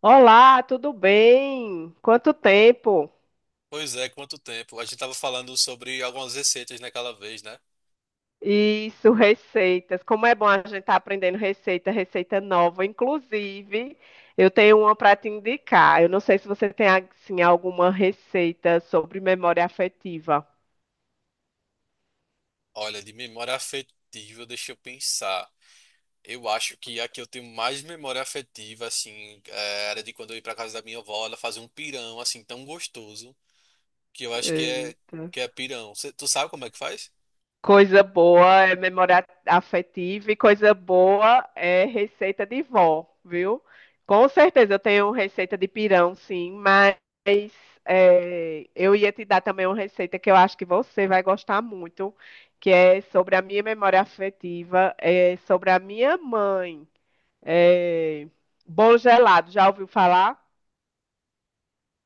Olá, tudo bem? Quanto tempo? Pois é, quanto tempo. A gente tava falando sobre algumas receitas naquela vez, né? Isso, receitas. Como é bom a gente estar aprendendo receita, receita nova. Inclusive, eu tenho uma para te indicar. Eu não sei se você tem assim, alguma receita sobre memória afetiva. Olha, de memória afetiva, deixa eu pensar. Eu acho que a que eu tenho mais memória afetiva, assim, era de quando eu ia pra casa da minha avó, ela fazia um pirão, assim, tão gostoso, que eu acho Eita. que é pirão. Tu sabe como é que faz? Coisa boa é memória afetiva e coisa boa é receita de vó, viu? Com certeza eu tenho receita de pirão, sim, mas é, eu ia te dar também uma receita que eu acho que você vai gostar muito, que é sobre a minha memória afetiva, é sobre a minha mãe. É, bolo gelado, já ouviu falar?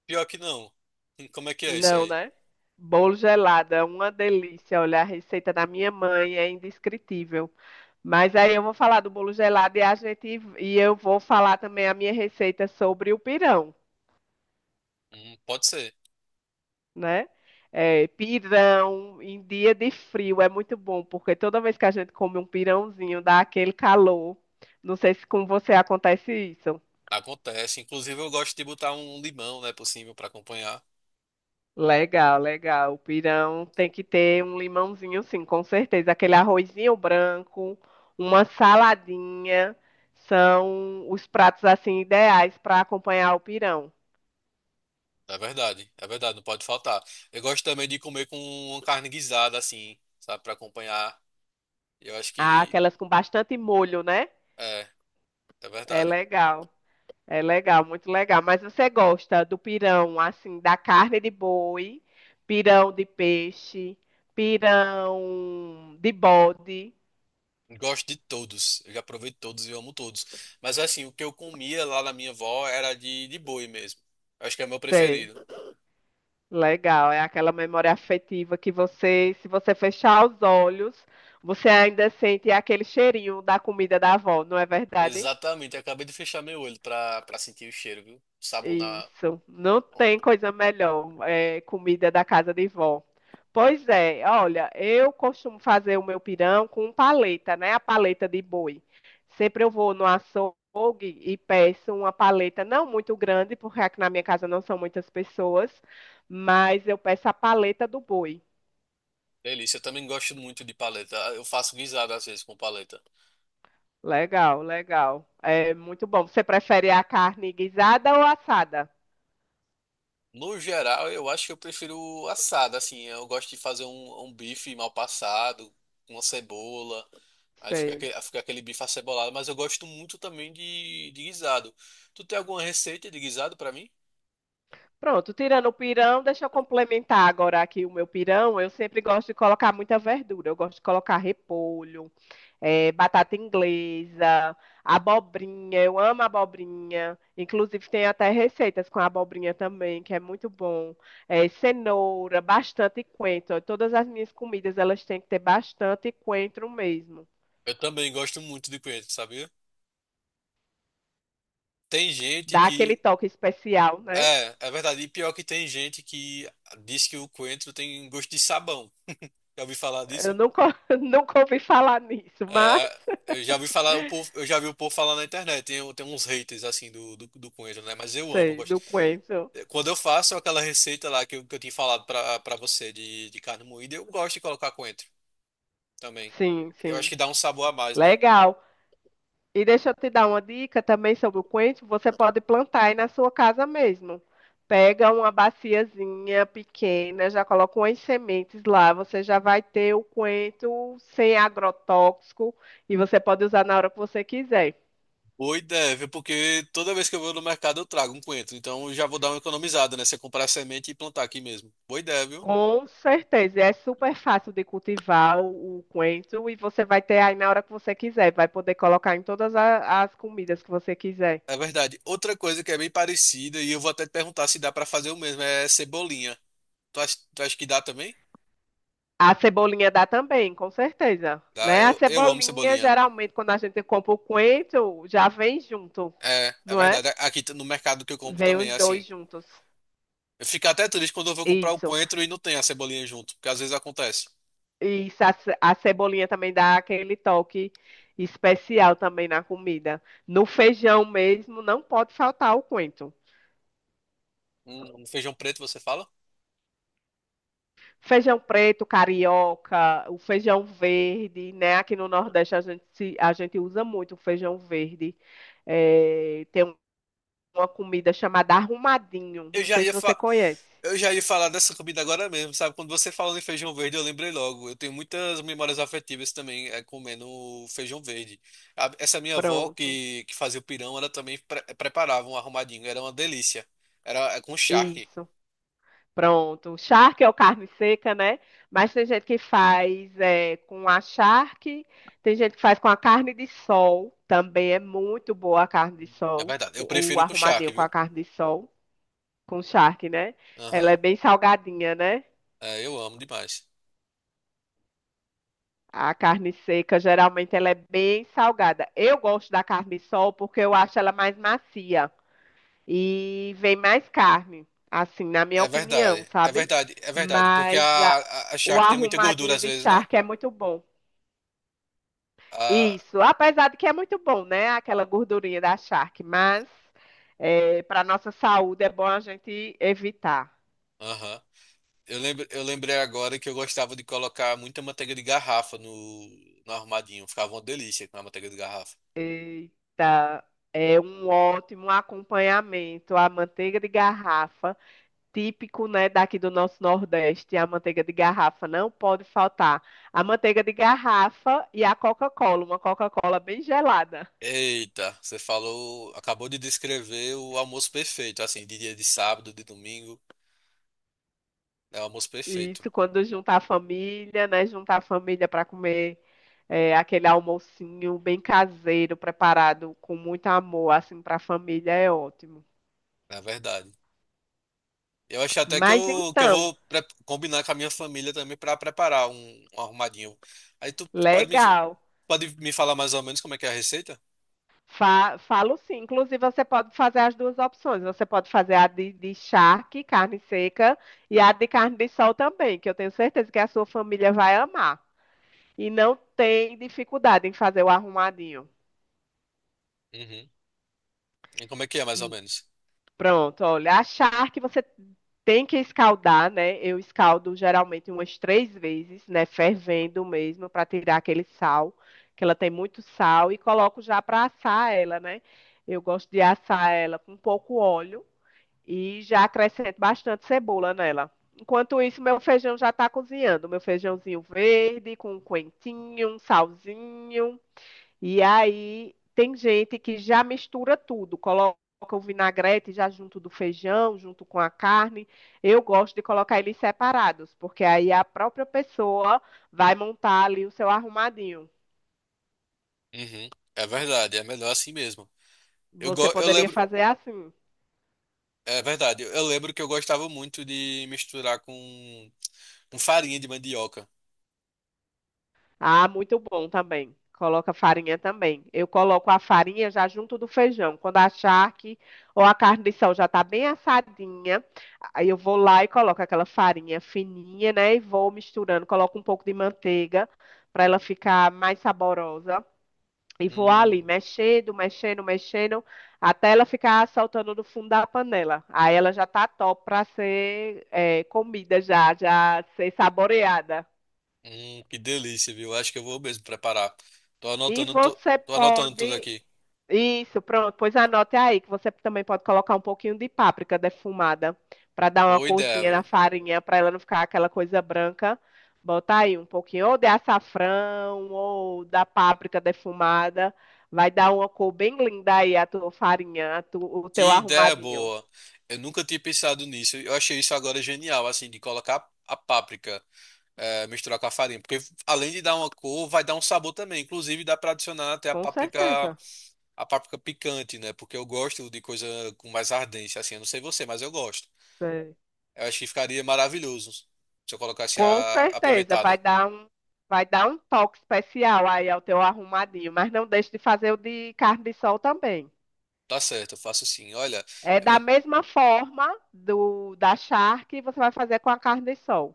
Pior que não. Como é que é isso Não, aí? né? Bolo gelado é uma delícia. Olha, a receita da minha mãe é indescritível. Mas aí eu vou falar do bolo gelado e a gente e eu vou falar também a minha receita sobre o pirão, Pode ser. né? É, pirão em dia de frio é muito bom, porque toda vez que a gente come um pirãozinho dá aquele calor. Não sei se com você acontece isso. Acontece. Inclusive, eu gosto de botar um limão, né, por cima pra acompanhar. Legal, legal. O pirão tem que ter um limãozinho, sim, com certeza. Aquele arrozinho branco, uma saladinha, são os pratos assim ideais para acompanhar o pirão. É verdade, não pode faltar. Eu gosto também de comer com uma carne guisada, assim, sabe, pra acompanhar. Eu acho Ah, aquelas com bastante molho, né? é, é É verdade. legal. É legal, muito legal. Mas você gosta do pirão, assim, da carne de boi, pirão de peixe, pirão de bode? Gosto de todos, eu já provei todos e amo todos. Mas assim, o que eu comia lá na minha avó era de boi mesmo. Eu acho que é o meu Sei. preferido. Legal, é aquela memória afetiva que você, se você fechar os olhos, você ainda sente aquele cheirinho da comida da avó, não é verdade? Exatamente, eu acabei de fechar meu olho pra sentir o cheiro, viu? O sabor na. Isso, não tem coisa melhor, é, comida da casa de vó. Pois é, olha, eu costumo fazer o meu pirão com paleta, né? A paleta de boi. Sempre eu vou no açougue e peço uma paleta não muito grande, porque aqui na minha casa não são muitas pessoas, mas eu peço a paleta do boi. Delícia, eu também gosto muito de paleta. Eu faço guisada às vezes com paleta. Legal, legal. É muito bom. Você prefere a carne guisada ou assada? No geral, eu acho que eu prefiro assado, assim, eu gosto de fazer um bife mal passado, com uma cebola, aí fica Sei. Fica aquele bife acebolado, mas eu gosto muito também de guisado. Tu tem alguma receita de guisado pra mim? Pronto, tirando o pirão, deixa eu complementar agora aqui o meu pirão. Eu sempre gosto de colocar muita verdura. Eu gosto de colocar repolho, batata inglesa, abobrinha. Eu amo abobrinha. Inclusive, tem até receitas com abobrinha também, que é muito bom. Cenoura, bastante coentro. Todas as minhas comidas, elas têm que ter bastante coentro mesmo. Eu também gosto muito de coentro, sabia? Tem gente Dá aquele que... toque especial, né? É, é verdade, e pior que tem gente que diz que o coentro tem gosto de sabão. Já ouvi falar Eu disso? nunca, nunca ouvi falar nisso, mas É, eu já vi falar o povo, eu já vi o povo falar na internet, tem, tem uns haters assim do coentro, né? Mas eu amo, eu sei, gosto. do coentro. Quando eu faço aquela receita lá que eu tinha falado pra você de carne moída, eu gosto de colocar coentro também. Sim, Eu acho sim. que dá um sabor a mais, né? Legal. E deixa eu te dar uma dica também sobre o coentro. Você pode plantar aí na sua casa mesmo. Pega uma baciazinha pequena, já coloca umas sementes lá. Você já vai ter o coentro sem agrotóxico e você pode usar na hora que você quiser. Boa ideia, porque toda vez que eu vou no mercado eu trago um coentro. Então eu já vou dar uma economizada, né? Se eu comprar semente e plantar aqui mesmo. Boa ideia, viu? Com certeza, é super fácil de cultivar o coentro e você vai ter aí na hora que você quiser. Vai poder colocar em todas as comidas que você quiser. É verdade. Outra coisa que é bem parecida, e eu vou até te perguntar se dá pra fazer o mesmo, é cebolinha. Tu acha que dá também? A cebolinha dá também, com certeza, Dá, né? A eu amo cebolinha, cebolinha. geralmente, quando a gente compra o coentro, já vem junto, É, é não é? verdade. Aqui no mercado que eu compro Vem também, é os assim. dois juntos. Eu fico até triste quando eu vou comprar o Isso. coentro e não tem a cebolinha junto, porque às vezes acontece. E isso, a cebolinha também dá aquele toque especial também na comida. No feijão mesmo, não pode faltar o coentro. Um feijão preto, você fala? Feijão preto, carioca, o feijão verde, né? Aqui no Nordeste a gente, a gente usa muito o feijão verde. Tem uma comida chamada arrumadinho. Eu Não já sei se ia você fa- conhece. eu já ia falar dessa comida agora mesmo, sabe? Quando você falou em feijão verde, eu lembrei logo. Eu tenho muitas memórias afetivas também comendo feijão verde. Essa minha avó Pronto. Que fazia o pirão, ela também preparava um arrumadinho, era uma delícia. Era é, com charque. Isso. Pronto. Charque é o carne seca, né? Mas tem gente que faz é, com a charque, tem gente que faz com a carne de sol. Também é muito boa a carne de É sol. verdade. Eu O prefiro com arrumadinho charque, com a viu? carne de sol, com charque, né? Ela Aham. é bem salgadinha, né? É, eu amo demais. A carne seca, geralmente, ela é bem salgada. Eu gosto da carne de sol porque eu acho ela mais macia. E vem mais carne, assim, na minha É opinião, verdade, é sabe? verdade, é verdade, Mas a- a o charque tem muita gordura arrumadinho às de vezes, né? charque é muito bom. Ah, Isso, apesar de que é muito bom, né? Aquela gordurinha da charque, mas para nossa saúde é bom a gente evitar. aham. Eu lembro, eu lembrei agora que eu gostava de colocar muita manteiga de garrafa no arrumadinho. Ficava uma delícia com a manteiga de garrafa. Eita, é um ótimo acompanhamento, a manteiga de garrafa. Típico, né, daqui do nosso Nordeste, a manteiga de garrafa. Não pode faltar a manteiga de garrafa e a Coca-Cola, uma Coca-Cola bem gelada. Eita, você falou, acabou de descrever o almoço perfeito, assim, de dia de sábado, de domingo. É o almoço E perfeito, isso quando juntar a família, né, juntar a família para comer é, aquele almocinho bem caseiro, preparado com muito amor, assim, para a família é ótimo. na verdade. Eu acho até Mas que eu então, vou combinar com a minha família também para preparar um arrumadinho. Aí tu pode legal. pode me falar mais ou menos como é que é a receita? Falo sim. Inclusive, você pode fazer as duas opções. Você pode fazer a de charque, carne seca, e a de carne de sol também, que eu tenho certeza que a sua família vai amar. E não tem dificuldade em fazer o arrumadinho. Uhum. E como é que é, mais ou Hum, menos? Pronto, olha. A charque você tem que escaldar, né? Eu escaldo geralmente umas três vezes, né? Fervendo mesmo, para tirar aquele sal, que ela tem muito sal, e coloco já para assar ela, né? Eu gosto de assar ela com pouco óleo. E já acrescento bastante cebola nela. Enquanto isso, meu feijão já está cozinhando. Meu feijãozinho verde, com um coentinho, um salzinho. E aí, tem gente que já mistura tudo, coloca o vinagrete já junto do feijão, junto com a carne. Eu gosto de colocar eles separados, porque aí a própria pessoa vai montar ali o seu arrumadinho. Uhum. É verdade, é melhor assim mesmo. Você Eu poderia lembro, fazer assim. é verdade, eu lembro que eu gostava muito de misturar com farinha de mandioca. Ah, muito bom também. Coloca farinha também. Eu coloco a farinha já junto do feijão. Quando achar que ou a carne de sol já está bem assadinha, aí eu vou lá e coloco aquela farinha fininha, né? E vou misturando. Coloco um pouco de manteiga para ela ficar mais saborosa. E vou ali Hum, mexendo, mexendo, mexendo, até ela ficar saltando do fundo da panela. Aí ela já tá top para ser comida já ser saboreada. Que delícia, viu? Acho que eu vou mesmo preparar. Tô E anotando, tu- você Tô anotando tudo pode aqui. Isso, pronto. Pois anote aí que você também pode colocar um pouquinho de páprica defumada para dar uma Boa ideia, corzinha na viu? farinha, para ela não ficar aquela coisa branca. Bota aí um pouquinho ou de açafrão ou da páprica defumada. Vai dar uma cor bem linda aí a tua farinha, o teu Que ideia arrumadinho. boa. Eu nunca tinha pensado nisso. Eu achei isso agora genial, assim, de colocar a páprica, misturar com a farinha. Porque além de dar uma cor, vai dar um sabor também. Inclusive, dá pra adicionar até a Com páprica. certeza. A páprica picante, né? Porque eu gosto de coisa com mais ardência, assim. Eu não sei você, mas eu gosto. Sei. Eu acho que ficaria maravilhoso se eu colocasse a Com a certeza vai apimentada. dar um vai dar um toque especial aí ao teu arrumadinho, mas não deixe de fazer o de carne de sol também. Tá certo, eu faço assim. Olha, É eu da vou... mesma forma do da charque, você vai fazer com a carne de sol.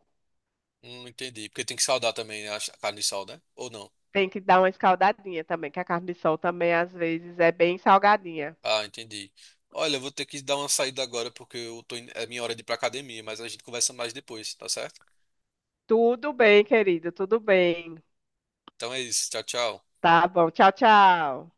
Não entendi. Porque tem que saldar também, né? A carne de sal, né? Ou não? Tem que dar uma escaldadinha também, que a carne de sol também às vezes é bem salgadinha. Ah, entendi. Olha, eu vou ter que dar uma saída agora porque eu tô... é minha hora de ir pra academia, mas a gente conversa mais depois, tá certo? Tudo bem, querido, tudo bem. Então é isso. Tchau, tchau. Tá bom. Tchau, tchau.